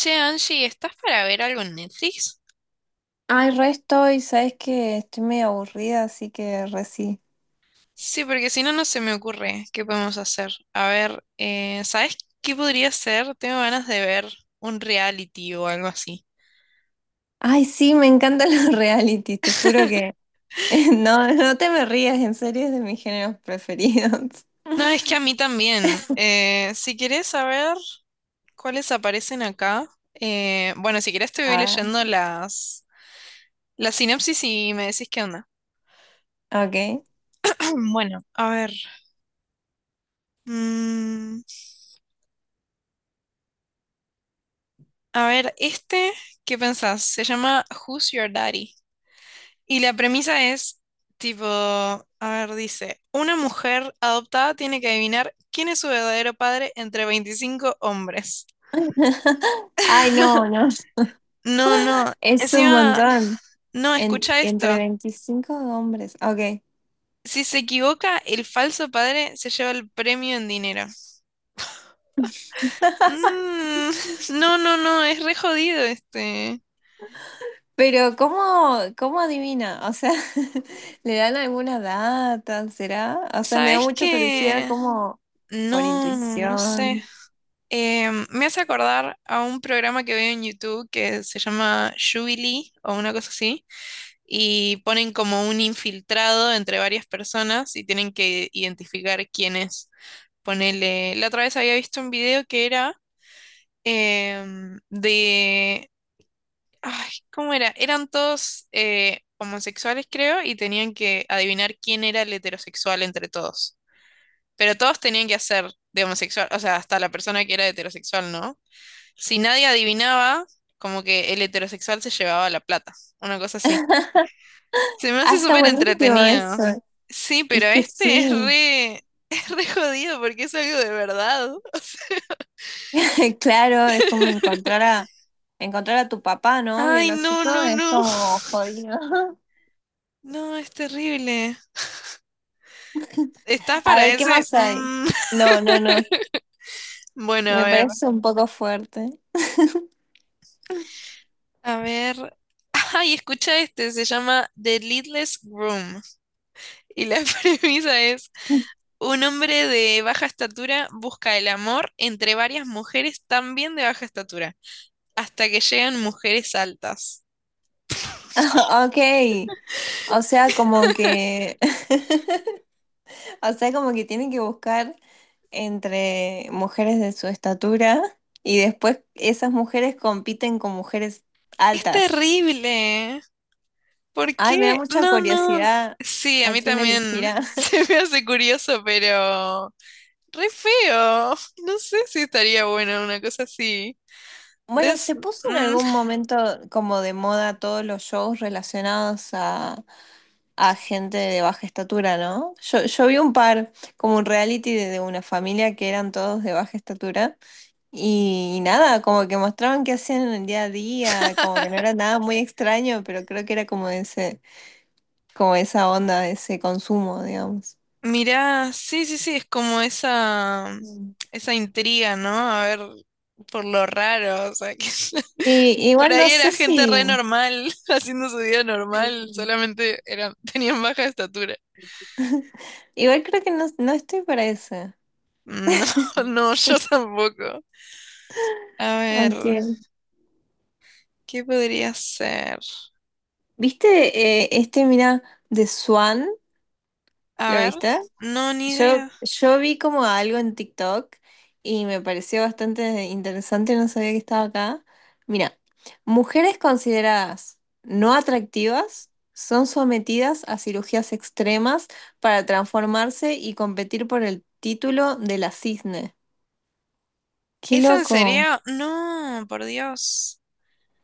Che, Angie, ¿estás para ver algo en Netflix? Ay, re estoy, sabes que estoy medio aburrida, así que re sí. Sí, porque si no, no se me ocurre qué podemos hacer. A ver, ¿sabes qué podría ser? Tengo ganas de ver un reality o algo así. Ay, sí, me encantan los reality. Te juro que no, no te me rías, en serio es de mis géneros preferidos. No, es que a mí también. Si querés saber cuáles aparecen acá, bueno, si querés te voy Ah, leyendo la sinopsis y me decís qué onda. ok. Bueno, a ver. mm, a ver, ¿qué pensás? Se llama Who's Your Daddy? Y la premisa es, tipo, a ver, dice, una mujer adoptada tiene que adivinar quién es su verdadero padre entre 25 hombres. Ay, no, no, No, no, es un montón. no, escucha Entre esto. 25 hombres, ok. Si se equivoca, el falso padre se lleva el premio en dinero. Mm, no, no, no, es re jodido este. Pero ¿cómo adivina? O sea, ¿le dan alguna data? ¿Será? O sea, me da ¿Sabes mucha curiosidad qué? como por No, no sé. intuición. Me hace acordar a un programa que veo en YouTube que se llama Jubilee o una cosa así, y ponen como un infiltrado entre varias personas y tienen que identificar quién es. Ponele, la otra vez había visto un video que era em, de, ay, ¿cómo era? Eran todos homosexuales, creo, y tenían que adivinar quién era el heterosexual entre todos. Pero todos tenían que hacer de homosexual, o sea, hasta la persona que era heterosexual, ¿no? Si nadie adivinaba, como que el heterosexual se llevaba la plata. Una cosa así. Se me Ah, hace está súper buenísimo entretenido. eso. Sí, pero Es que este sí. es re, es re jodido porque es algo de verdad. Claro, es como encontrar a tu papá, ¿no? ay, no, Biológico, no, es no. como jodido. No, es terrible. ¿Estás A para ver, ¿qué ese? más hay? No, no, no. bueno, a Me ver. parece un poco fuerte. A ver. Ay, escucha este, se llama The Leadless Groom. Y la premisa es un hombre de baja estatura busca el amor entre varias mujeres también de baja estatura, hasta que llegan mujeres altas. Ok. O sea, como que. O sea, como que tienen que buscar entre mujeres de su estatura y después esas mujeres compiten con mujeres Es altas. terrible. ¿Por Ay, qué? me da mucha No, no. curiosidad Sí, a a mí quién también elegirá. se me hace curioso, pero re feo. No sé si estaría bueno una cosa así. Bueno, Es- se puso en mm. algún momento como de moda todos los shows relacionados a gente de baja estatura, ¿no? Yo vi un par, como un reality de una familia que eran todos de baja estatura y, nada, como que mostraban qué hacían en el día a día, como que no era nada muy extraño, pero creo que era como ese como esa onda, ese consumo, digamos. Mirá, sí, sí, sí, es como esa, Mm. esa intriga, ¿no? A ver, por lo raro, o sea, que... Sí, Por igual ahí no sé era gente si, re normal, haciendo su vida normal, solamente eran, tenían baja estatura. igual creo que no, no estoy para eso. No, no, yo tampoco. A ver, Aunque, ¿qué podría ser? ¿viste este, mira, de Swan? A ¿Lo ver, viste? no, ni Yo, idea. yo vi como algo en TikTok y me pareció bastante interesante, no sabía que estaba acá. Mira, mujeres consideradas no atractivas son sometidas a cirugías extremas para transformarse y competir por el título de la cisne. ¡Qué ¿Es en loco! serio? No, por Dios.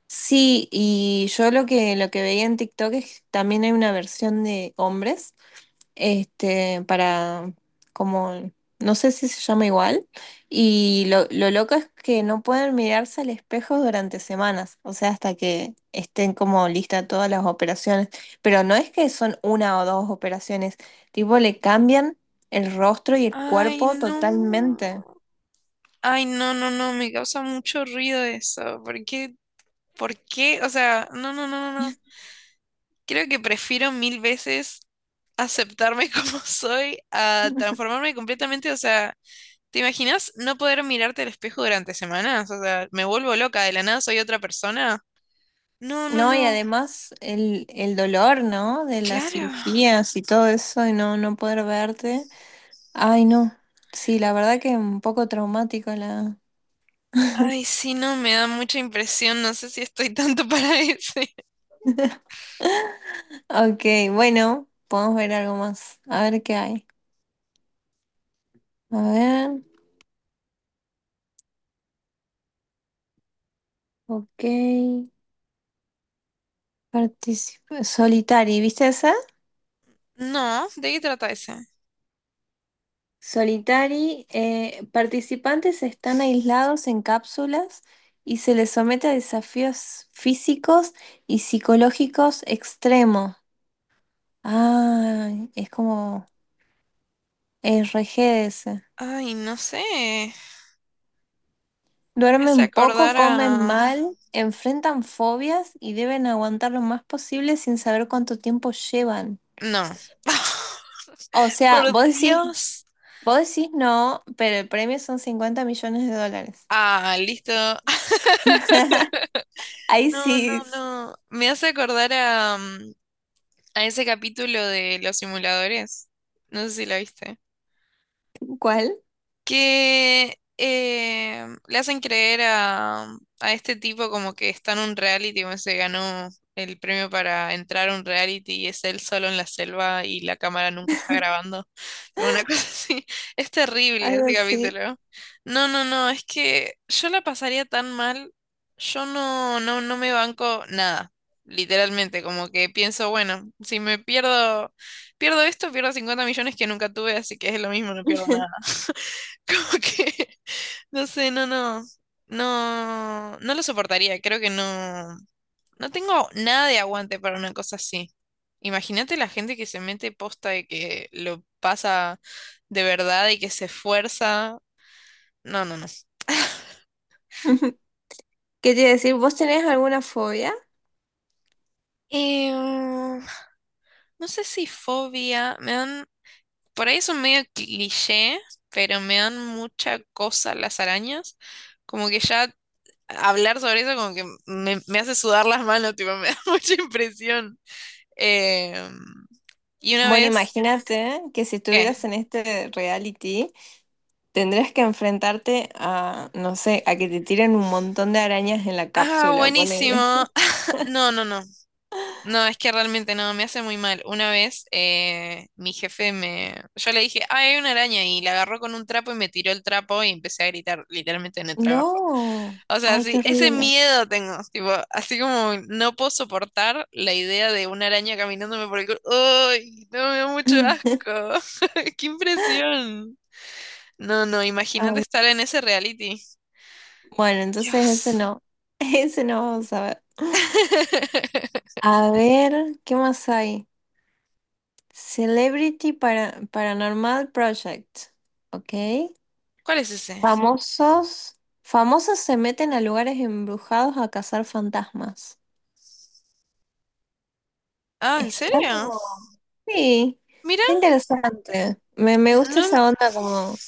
Sí, y yo lo que veía en TikTok es que también hay una versión de hombres. Este, para como, no sé si se llama igual, y lo loco es que no pueden mirarse al espejo durante semanas, o sea, hasta que estén como listas todas las operaciones, pero no es que son una o dos operaciones, tipo le cambian el rostro y el Ay, cuerpo no. totalmente. Ay, no, no, no, me causa mucho ruido eso. ¿Por qué? ¿Por qué? O sea, no, no, no, no. no. Creo que prefiero mil veces aceptarme como soy a transformarme completamente, o sea, ¿te imaginas no poder mirarte al espejo durante semanas? O sea, me vuelvo loca, de la nada soy otra persona. No, no, No, y no. además el dolor, ¿no? De las Claro. cirugías y todo eso, y no, no poder verte. Ay, no. Sí, la verdad que un poco traumático la. Ay, sí, no, me da mucha impresión. No sé si estoy tanto para ese. Ok, bueno, podemos ver algo más. A ver qué hay. A ver, ok. Participa Solitari, ¿viste esa? No, ¿de qué trata ese? Solitari, participantes están aislados en cápsulas y se les somete a desafíos físicos y psicológicos extremos. Ah, es como RG. Ay, no sé. Me hace Duermen poco, acordar comen a... mal, enfrentan fobias y deben aguantar lo más posible sin saber cuánto tiempo llevan. No. O sea, Por Dios. vos decís no, pero el premio son 50 millones de dólares. Ah, listo. Ahí No, no, sí, no. Me hace acordar a, a ese capítulo de los simuladores. No sé si la viste. ¿cuál? Que le hacen creer a este tipo como que está en un reality, como se ganó el premio para entrar a un reality y es él solo en la selva y la cámara nunca está grabando. Tipo, una cosa así, es terrible Algo ese así. capítulo. No, no, no, es que yo la pasaría tan mal, yo no, no, no me banco nada. Literalmente, como que pienso, bueno, si me pierdo, pierdo esto, pierdo 50 millones que nunca tuve, así que es lo mismo, no pierdo nada. Como que, no sé, no, no, no, no lo soportaría. Creo que no, no tengo nada de aguante para una cosa así. Imagínate la gente que se mete posta de que lo pasa de verdad y que se esfuerza. No, no, no. ¿Qué te iba a decir? ¿Vos tenés alguna fobia? No sé si fobia, me dan, por ahí es un medio cliché, pero me dan mucha cosa las arañas. Como que ya hablar sobre eso como que me hace sudar las manos, tipo, me da mucha impresión. Eh, y una Bueno, vez, imagínate que si ¿qué? estuvieras en este reality, tendrías que enfrentarte a, no sé, a que te tiren un montón de arañas en la Ah, cápsula, ponele. buenísimo. No, no, no. No, es que realmente no, me hace muy mal. Una vez mi jefe me... Yo le dije, ay, hay una araña y la agarró con un trapo y me tiró el trapo y empecé a gritar literalmente en el trabajo. No, O sea, ay, qué sí, ese horrible. miedo tengo, tipo, así como no puedo soportar la idea de una araña caminándome por el culo. ¡Ay! No, me da mucho asco. ¡Qué impresión! No, no, imagínate Ay, estar en ese reality. bueno, entonces ese Dios. no, ese no vamos a ver. A ver, ¿qué más hay? Celebrity para, Paranormal Project, ¿ok? ¿Cuál es ese? Famosos, famosos se meten a lugares embrujados a cazar fantasmas. Ah, ¿en Está serio? como, sí, Mira, está interesante. Me gusta no, esa onda como,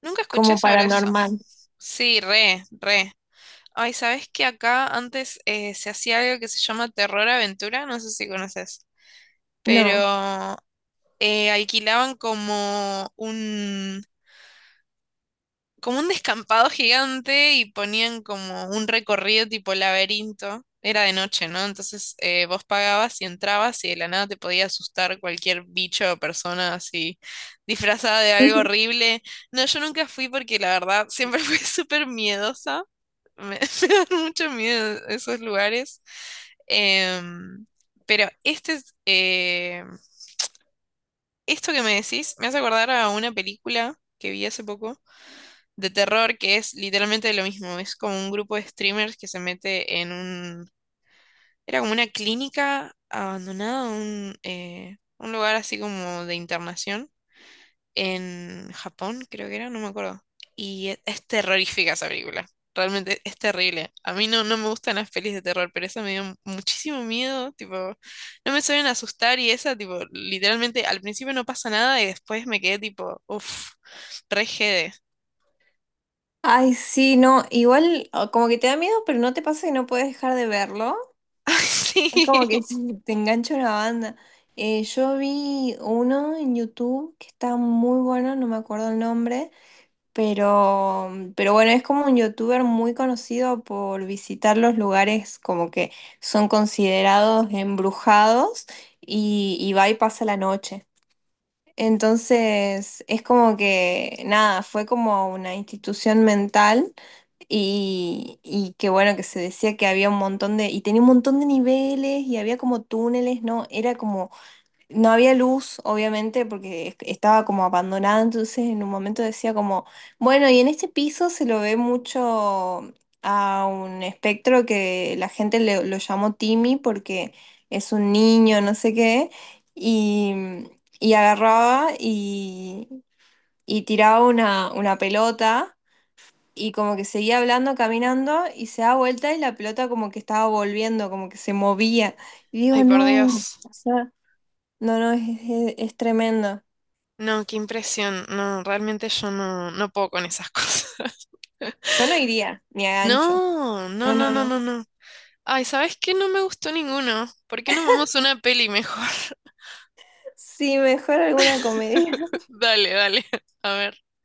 nunca escuché como sobre eso. paranormal. Sí, re, re. Ay, ¿sabes que acá antes se hacía algo que se llama Terror Aventura? No sé si conoces, No. pero alquilaban como un descampado gigante y ponían como un recorrido tipo laberinto. Era de noche, ¿no? Entonces vos pagabas y entrabas y de la nada te podía asustar cualquier bicho o persona así disfrazada de algo horrible. No, yo nunca fui porque la verdad siempre fui súper miedosa. Me dan mucho miedo esos lugares. Em, pero esto que me decís me hace acordar a una película que vi hace poco de terror que es literalmente lo mismo. Es como un grupo de streamers que se mete en un... Era como una clínica abandonada, un lugar así como de internación en Japón, creo que era, no me acuerdo. Es terrorífica esa película. Realmente es terrible. A mí no, no me gustan las pelis de terror, pero esa me dio muchísimo miedo. Tipo, no me suelen asustar y esa, tipo, literalmente al principio no pasa nada y después me quedé tipo, uff, re jede. Ay, sí, no, igual o como que te da miedo, pero no te pasa que no puedes dejar de verlo. Es como que te, Sí. te engancha una banda. Yo vi uno en YouTube que está muy bueno, no me acuerdo el nombre, pero, pero bueno, es como un youtuber muy conocido por visitar los lugares como que son considerados embrujados y va y pasa la noche. Entonces, es como que, nada, fue como una institución mental y qué bueno que se decía que había un montón de, y tenía un montón de niveles y había como túneles, ¿no? Era como, no había luz, obviamente, porque estaba como abandonada, entonces en un momento decía como, bueno, y en este piso se lo ve mucho a un espectro que la gente lo llamó Timmy porque es un niño, no sé qué, y, y agarraba y tiraba una pelota y como que seguía hablando, caminando, y se da vuelta y la pelota como que estaba volviendo, como que se movía. Y Ay, digo, por no, Dios. o sea, no, no, es, es tremendo. No, qué impresión. No, realmente yo no, no puedo con esas cosas. Yo no iría, ni a gancho. No, no, No, no, no, no, no. no, no. Ay, ¿sabes qué? No me gustó ninguno. ¿Por qué no vemos una peli mejor? Sí, mejor alguna comedia. Dale, dale. A ver.